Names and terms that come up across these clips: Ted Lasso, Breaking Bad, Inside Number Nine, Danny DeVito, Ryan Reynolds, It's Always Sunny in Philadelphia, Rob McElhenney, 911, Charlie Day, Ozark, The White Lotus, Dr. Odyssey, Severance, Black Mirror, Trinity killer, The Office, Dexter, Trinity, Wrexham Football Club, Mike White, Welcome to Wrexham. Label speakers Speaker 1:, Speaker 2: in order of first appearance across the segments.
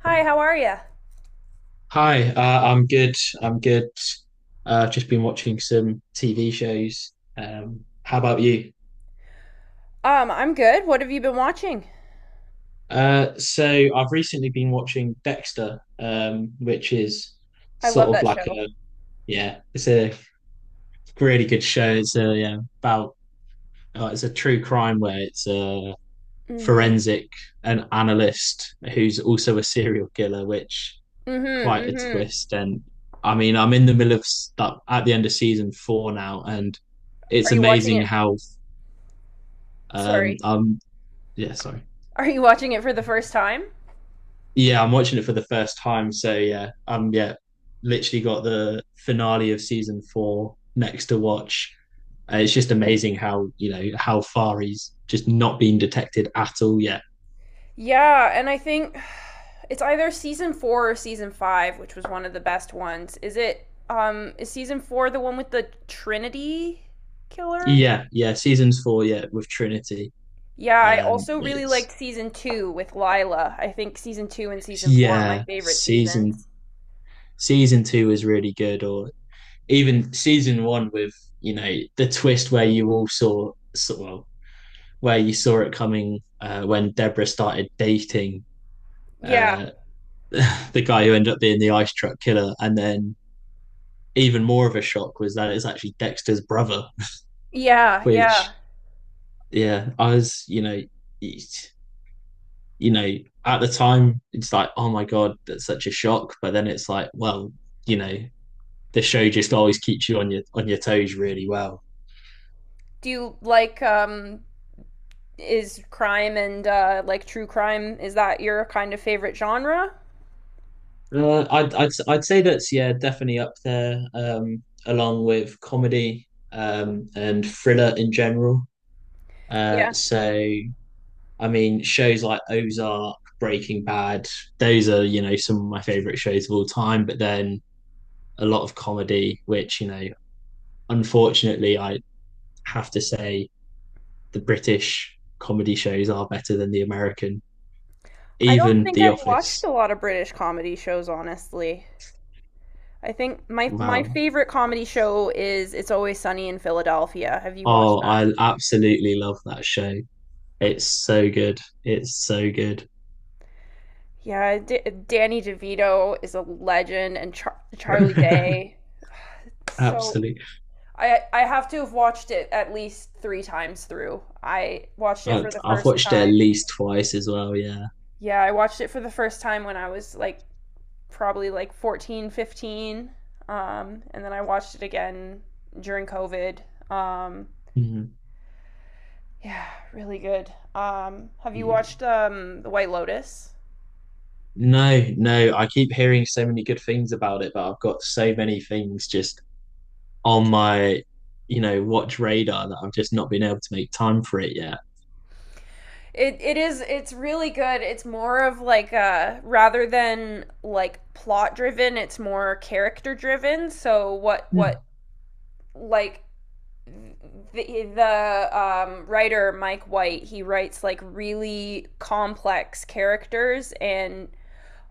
Speaker 1: Hi, how are you?
Speaker 2: Hi, I'm good. I'm good. I've just been watching some TV shows. How about you?
Speaker 1: I'm good. What have you been watching?
Speaker 2: So I've recently been watching Dexter, which is
Speaker 1: I love
Speaker 2: sort of
Speaker 1: that
Speaker 2: like
Speaker 1: show.
Speaker 2: a yeah, it's a really good show. It's a Yeah, about, it's a true crime where it's a
Speaker 1: Mm-hmm.
Speaker 2: forensic, an analyst who's also a serial killer, which
Speaker 1: Mm-hmm.
Speaker 2: quite a
Speaker 1: Mm-hmm.
Speaker 2: twist. And I mean, I'm in the middle of that at the end of season four now, and
Speaker 1: Are
Speaker 2: it's
Speaker 1: you watching
Speaker 2: amazing
Speaker 1: it?
Speaker 2: how. um
Speaker 1: Sorry.
Speaker 2: um yeah, sorry.
Speaker 1: Are you watching it for the first time?
Speaker 2: Yeah, I'm watching it for the first time. So, yeah, literally got the finale of season four next to watch. It's just amazing how, you know, how far he's just not been detected at all yet.
Speaker 1: Yeah, and I think it's either season four or season five, which was one of the best ones. Is season four the one with the Trinity killer?
Speaker 2: Yeah, yeah, seasons four, yeah, with Trinity.
Speaker 1: Yeah, I also really liked
Speaker 2: It's
Speaker 1: season two with Lila. I think season two and season four are my
Speaker 2: yeah,
Speaker 1: favorite
Speaker 2: season
Speaker 1: seasons.
Speaker 2: season two is really good, or even season one with, you know, the twist where you all saw so, well where you saw it coming, when Deborah started dating,
Speaker 1: Yeah.
Speaker 2: uh, the guy who ended up being the ice truck killer, and then even more of a shock was that it's actually Dexter's brother,
Speaker 1: Yeah, yeah.
Speaker 2: which, yeah, I was, you know, at the time it's like, oh my god, that's such a shock, but then it's like, well, you know, the show just always keeps you on your toes really well.
Speaker 1: Do you like is crime and like true crime, is that your kind of favorite genre?
Speaker 2: I'd say that's, yeah, definitely up there, along with comedy, and thriller in general. Uh,
Speaker 1: Yeah.
Speaker 2: so I mean, shows like Ozark, Breaking Bad, those are, you know, some of my favorite shows of all time. But then a lot of comedy, which, you know, unfortunately I have to say the British comedy shows are better than the American,
Speaker 1: I don't
Speaker 2: even
Speaker 1: think
Speaker 2: The
Speaker 1: I've watched
Speaker 2: Office.
Speaker 1: a lot of British comedy shows, honestly. I think my
Speaker 2: Wow!
Speaker 1: favorite comedy show is It's Always Sunny in Philadelphia. Have you watched
Speaker 2: Oh,
Speaker 1: that?
Speaker 2: I absolutely love that show. It's so good. It's so good.
Speaker 1: Yeah, Danny DeVito is a legend and Charlie Day. So
Speaker 2: Absolutely.
Speaker 1: I I have to have watched it at least 3 times through. I watched it for the
Speaker 2: Have
Speaker 1: first
Speaker 2: watched it at
Speaker 1: time.
Speaker 2: least twice as well. Yeah.
Speaker 1: Yeah, I watched it for the first time when I was like probably like 14, 15. And then I watched it again during COVID. Um,
Speaker 2: Mhm.
Speaker 1: yeah, really good. Have you
Speaker 2: Yeah.
Speaker 1: watched The White Lotus?
Speaker 2: No, no, I keep hearing so many good things about it, but I've got so many things just on my, you know, watch radar that I've just not been able to make time for it yet.
Speaker 1: It's really good. It's more of, like, rather than like plot driven, it's more character driven.
Speaker 2: Mm.
Speaker 1: Like the writer Mike White, he writes like really complex characters and,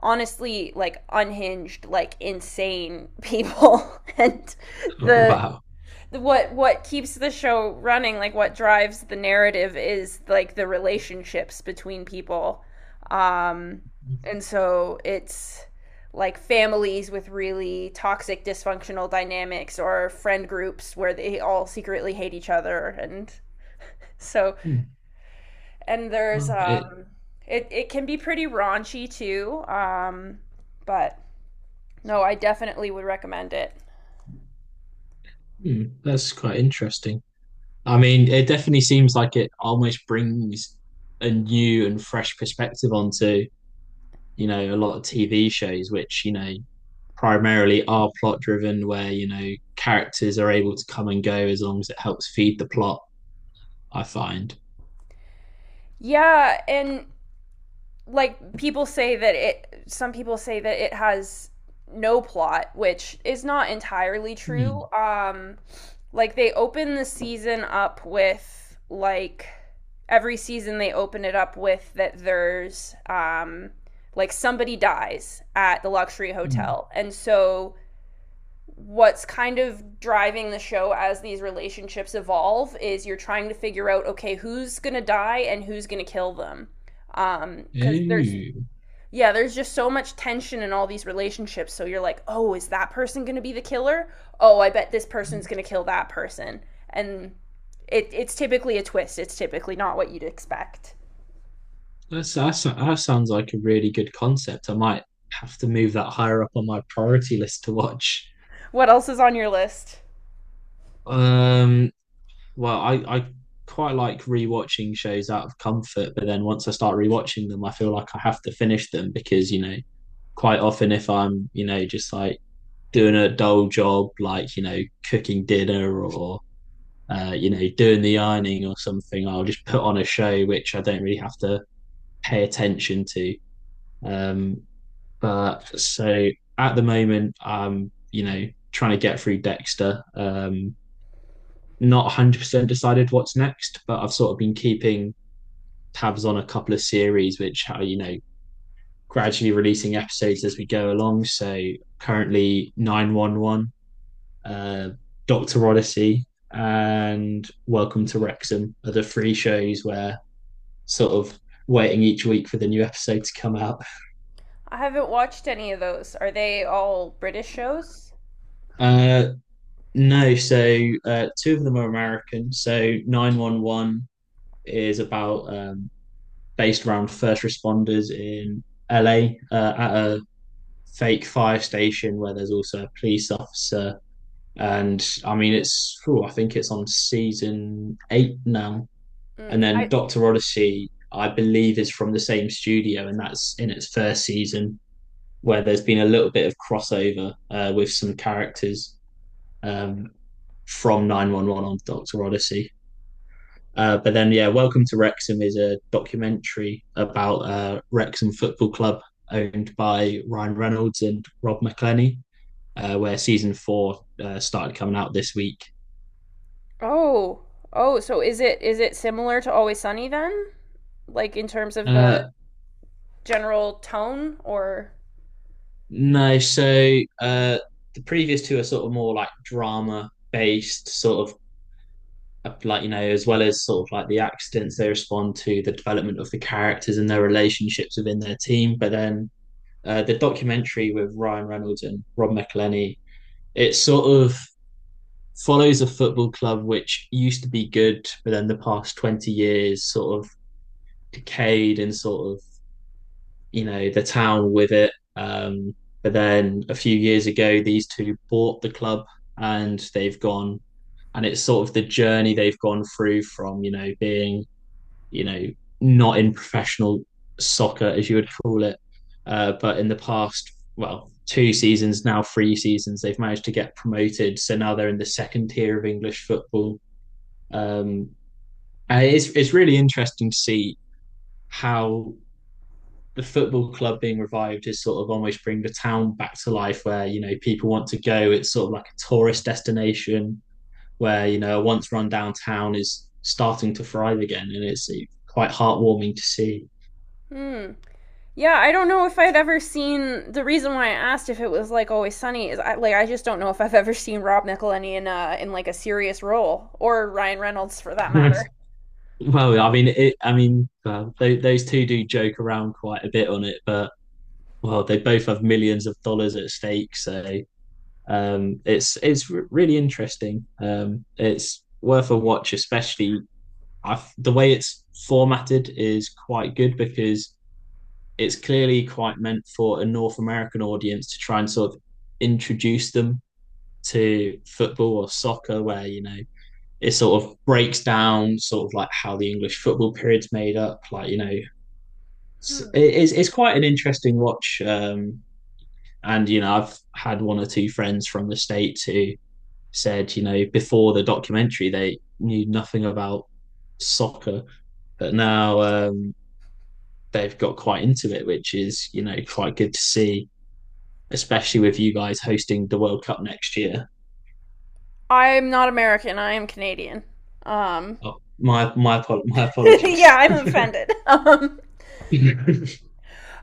Speaker 1: honestly, like unhinged, like insane people. and
Speaker 2: Oh,
Speaker 1: the
Speaker 2: wow.
Speaker 1: what keeps the show running, like what drives the narrative, is like the relationships between people. Um and so it's like families with really toxic dysfunctional dynamics or friend groups where they all secretly hate each other. and so
Speaker 2: Mm.
Speaker 1: and there's
Speaker 2: Wow. It,
Speaker 1: um it can be pretty raunchy too, but no, I definitely would recommend it.
Speaker 2: that's quite interesting. I mean, it definitely seems like it almost brings a new and fresh perspective onto, you know, a lot of TV shows which, you know, primarily are plot driven, where, you know, characters are able to come and go as long as it helps feed the plot, I find.
Speaker 1: Yeah, and like people say that it some people say that it has no plot, which is not entirely true.
Speaker 2: Mm.
Speaker 1: Um like they open the season up with like every season they open it up with that there's, like, somebody dies at the luxury
Speaker 2: Mm.
Speaker 1: hotel. And so What's kind of driving the show as these relationships evolve is you're trying to figure out, okay, who's going to die and who's going to kill them. Cuz there's
Speaker 2: Ooh.
Speaker 1: yeah, there's just so much tension in all these relationships. So you're like, oh, is that person going to be the killer? Oh, I bet this person's going to kill that person. And it's typically a twist. It's typically not what you'd expect.
Speaker 2: That sounds like a really good concept. I might have to move that higher up on my priority list to watch.
Speaker 1: What else is on your list?
Speaker 2: Um, well, I quite like rewatching shows out of comfort, but then once I start rewatching them, I feel like I have to finish them because, you know, quite often if I'm, you know, just like doing a dull job, like, you know, cooking dinner or, you know, doing the ironing or something, I'll just put on a show which I don't really have to pay attention to. Um, but so at the moment, I'm, you know, trying to get through Dexter. Not 100% decided what's next, but I've sort of been keeping tabs on a couple of series which are, you know, gradually releasing episodes as we go along. So currently 911, uh, Dr. Odyssey, and Welcome to Wrexham are the three shows where sort of waiting each week for the new episode to come out.
Speaker 1: I haven't watched any of those. Are they all British shows?
Speaker 2: Uh, no, so, two of them are American. So 911 is about based around first responders in LA, at a fake fire station where there's also a police officer. And I mean, it's, ooh, I think it's on season eight now. And
Speaker 1: Mm.
Speaker 2: then
Speaker 1: I
Speaker 2: Dr. Odyssey, I believe, is from the same studio, and that's in its first season where there's been a little bit of crossover, with some characters, um, from 911 on Dr. Odyssey. But then, yeah, Welcome to Wrexham is a documentary about, Wrexham Football Club, owned by Ryan Reynolds and Rob McElhenney, where season four, started coming out this week.
Speaker 1: Oh, oh. So is it similar to Always Sunny then? Like, in terms of the
Speaker 2: Uh,
Speaker 1: general tone, or
Speaker 2: no, so, the previous two are sort of more like drama based, sort of, like, you know, as well as sort of like the accidents they respond to, the development of the characters and their relationships within their team. But then, the documentary with Ryan Reynolds and Rob McElhenney, it's sort of follows a football club which used to be good, but then the past 20 years sort of decayed and sort of, you know, the town with it. But then a few years ago, these two bought the club and they've gone, and it's sort of the journey they've gone through from, you know, being, you know, not in professional soccer, as you would call it. But in the past, well, two seasons now, three seasons, they've managed to get promoted. So now they're in the second tier of English football, um, and it's really interesting to see how the football club being revived is sort of almost bring the town back to life, where, you know, people want to go. It's sort of like a tourist destination where, you know, a once run down town is starting to thrive again, and it's quite heartwarming to see.
Speaker 1: hmm. Yeah, I don't know if I'd ever seen. The reason why I asked if it was like Always Sunny is I, like, I just don't know if I've ever seen Rob McElhenney in like a serious role, or Ryan Reynolds for that matter.
Speaker 2: Well, I mean, well, those two do joke around quite a bit on it, but, well, they both have millions of dollars at stake, so. It's really interesting. It's worth a watch, especially the way it's formatted is quite good because it's clearly quite meant for a North American audience to try and sort of introduce them to football or soccer, where, you know, it sort of breaks down sort of like how the English football period's made up. Like, you know, it's
Speaker 1: Hmm.
Speaker 2: it's, it's quite an interesting watch. And you know, I've had one or two friends from the states who said, you know, before the documentary, they knew nothing about soccer, but now, they've got quite into it, which is, you know, quite good to see, especially with you guys hosting the World Cup next year.
Speaker 1: I'm not American. I am Canadian. Um,
Speaker 2: Oh, my
Speaker 1: yeah,
Speaker 2: apologies.
Speaker 1: I'm offended. Um,
Speaker 2: No,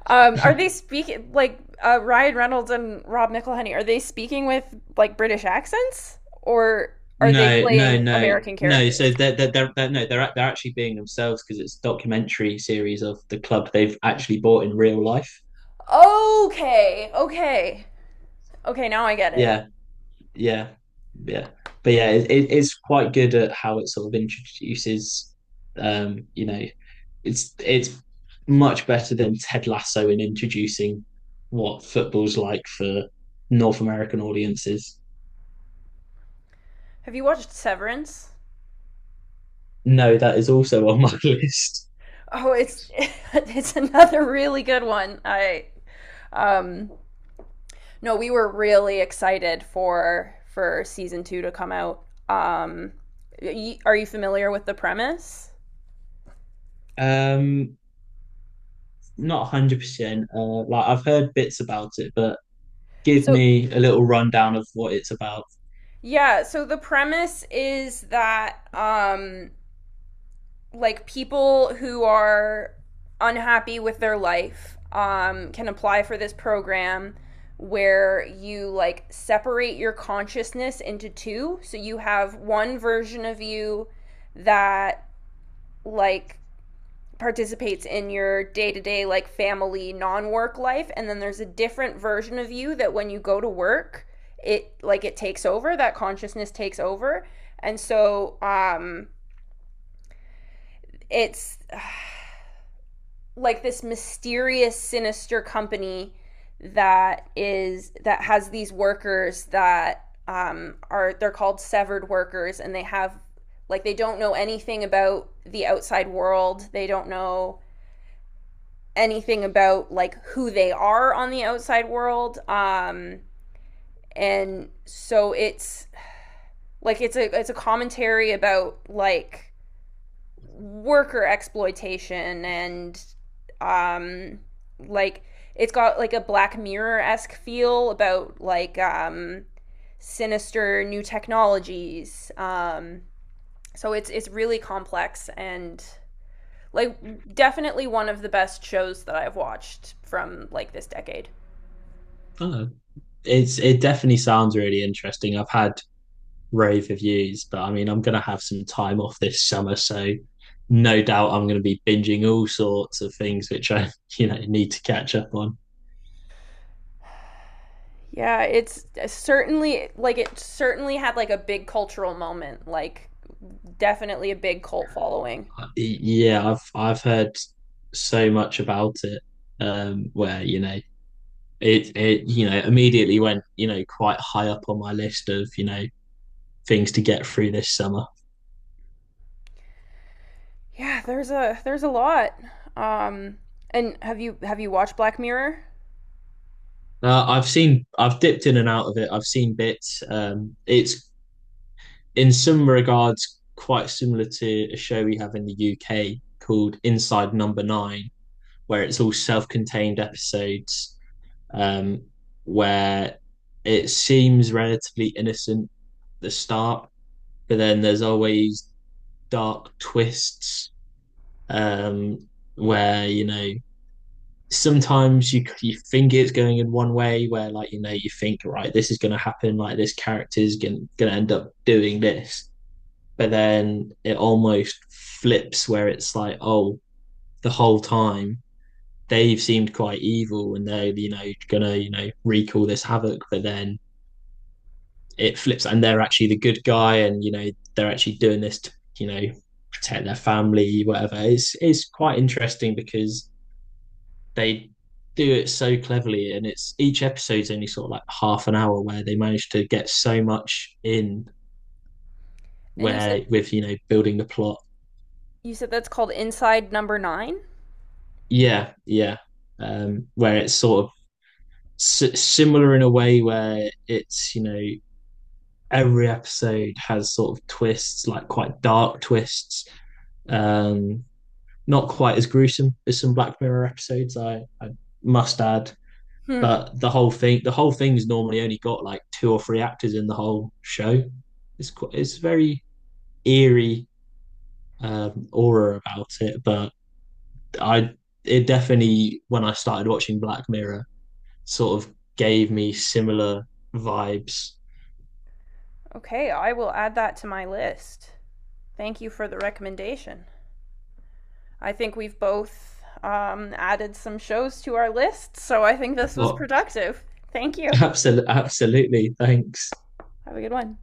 Speaker 1: um, are they speaking like Ryan Reynolds and Rob McElhenney? Are they speaking with like British accents, or are they
Speaker 2: no,
Speaker 1: playing
Speaker 2: no,
Speaker 1: American
Speaker 2: no.
Speaker 1: characters?
Speaker 2: So they're no, they're actually being themselves because it's a documentary series of the club they've actually bought in real life.
Speaker 1: Okay, okay, okay. Now I get it.
Speaker 2: Yeah, yeah, yeah. But yeah, it's quite good at how it sort of introduces, you know, it's much better than Ted Lasso in introducing what football's like for North American audiences.
Speaker 1: Have you watched Severance?
Speaker 2: No, that is also on my list.
Speaker 1: Oh, it's it's another really good one. I um no, we were really excited for season 2 to come out. Um are you familiar with the premise?
Speaker 2: Um, Not 100%. Like, I've heard bits about it, but give
Speaker 1: So
Speaker 2: me a little rundown of what it's about.
Speaker 1: Yeah, so the premise is that like people who are unhappy with their life, can apply for this program where you like separate your consciousness into two. So you have one version of you that like participates in your day-to-day, like family, non-work life, and then there's a different version of you that when you go to work, it takes over, that consciousness takes over. And so it's like this mysterious sinister company that has these workers that are they're called severed workers, and they have, like, they don't know anything about the outside world, they don't know anything about like who they are on the outside world. And so it's like it's a commentary about, like, worker exploitation. And um like it's got like a black mirror-esque feel about, like, sinister new technologies. So it's really complex, and, like, definitely one of the best shows that I've watched from like this decade.
Speaker 2: Oh, it definitely sounds really interesting. I've had rave reviews, but I mean, I'm going to have some time off this summer, so no doubt I'm going to be binging all sorts of things which I, you know, need to catch up on.
Speaker 1: Yeah, it certainly had like a big cultural moment, like, definitely a big cult following.
Speaker 2: Yeah, I've heard so much about it, where, you know, it, you know, immediately went, you know, quite high up on my list of, you know, things to get through this summer.
Speaker 1: Yeah, there's a lot. Um, and have you watched Black Mirror?
Speaker 2: I've seen, I've dipped in and out of it. I've seen bits. It's in some regards quite similar to a show we have in the UK called Inside Number Nine, where it's all self-contained episodes, um, where it seems relatively innocent at the start, but then there's always dark twists, um, where, you know, sometimes you think it's going in one way, where, like, you know, you think, right, this is going to happen, like this character is going to end up doing this, but then it almost flips where it's like, oh, the whole time they've seemed quite evil and they're, you know, gonna, you know, wreak all this havoc, but then it flips and they're actually the good guy, and, you know, they're actually doing this to, you know, protect their family, whatever. It's quite interesting because they do it so cleverly, and it's each episode's only sort of like half an hour where they manage to get so much in,
Speaker 1: And you said
Speaker 2: where with, you know, building the plot.
Speaker 1: you said that's called Inside Number Nine.
Speaker 2: Yeah, yeah. Where it's sort of similar in a way where it's, you know, every episode has sort of twists, like quite dark twists. Um, Not quite as gruesome as some Black Mirror episodes, I must add.
Speaker 1: Hmm.
Speaker 2: But the whole thing's normally only got like two or three actors in the whole show. It's very eerie, aura about it. But, I, it definitely when I started watching Black Mirror, sort of gave me similar vibes.
Speaker 1: Okay, I will add that to my list. Thank you for the recommendation. I think we've both added some shows to our list, so I think this was
Speaker 2: But.
Speaker 1: productive. Thank you.
Speaker 2: Absolutely, absolutely. Thanks.
Speaker 1: Have a good one.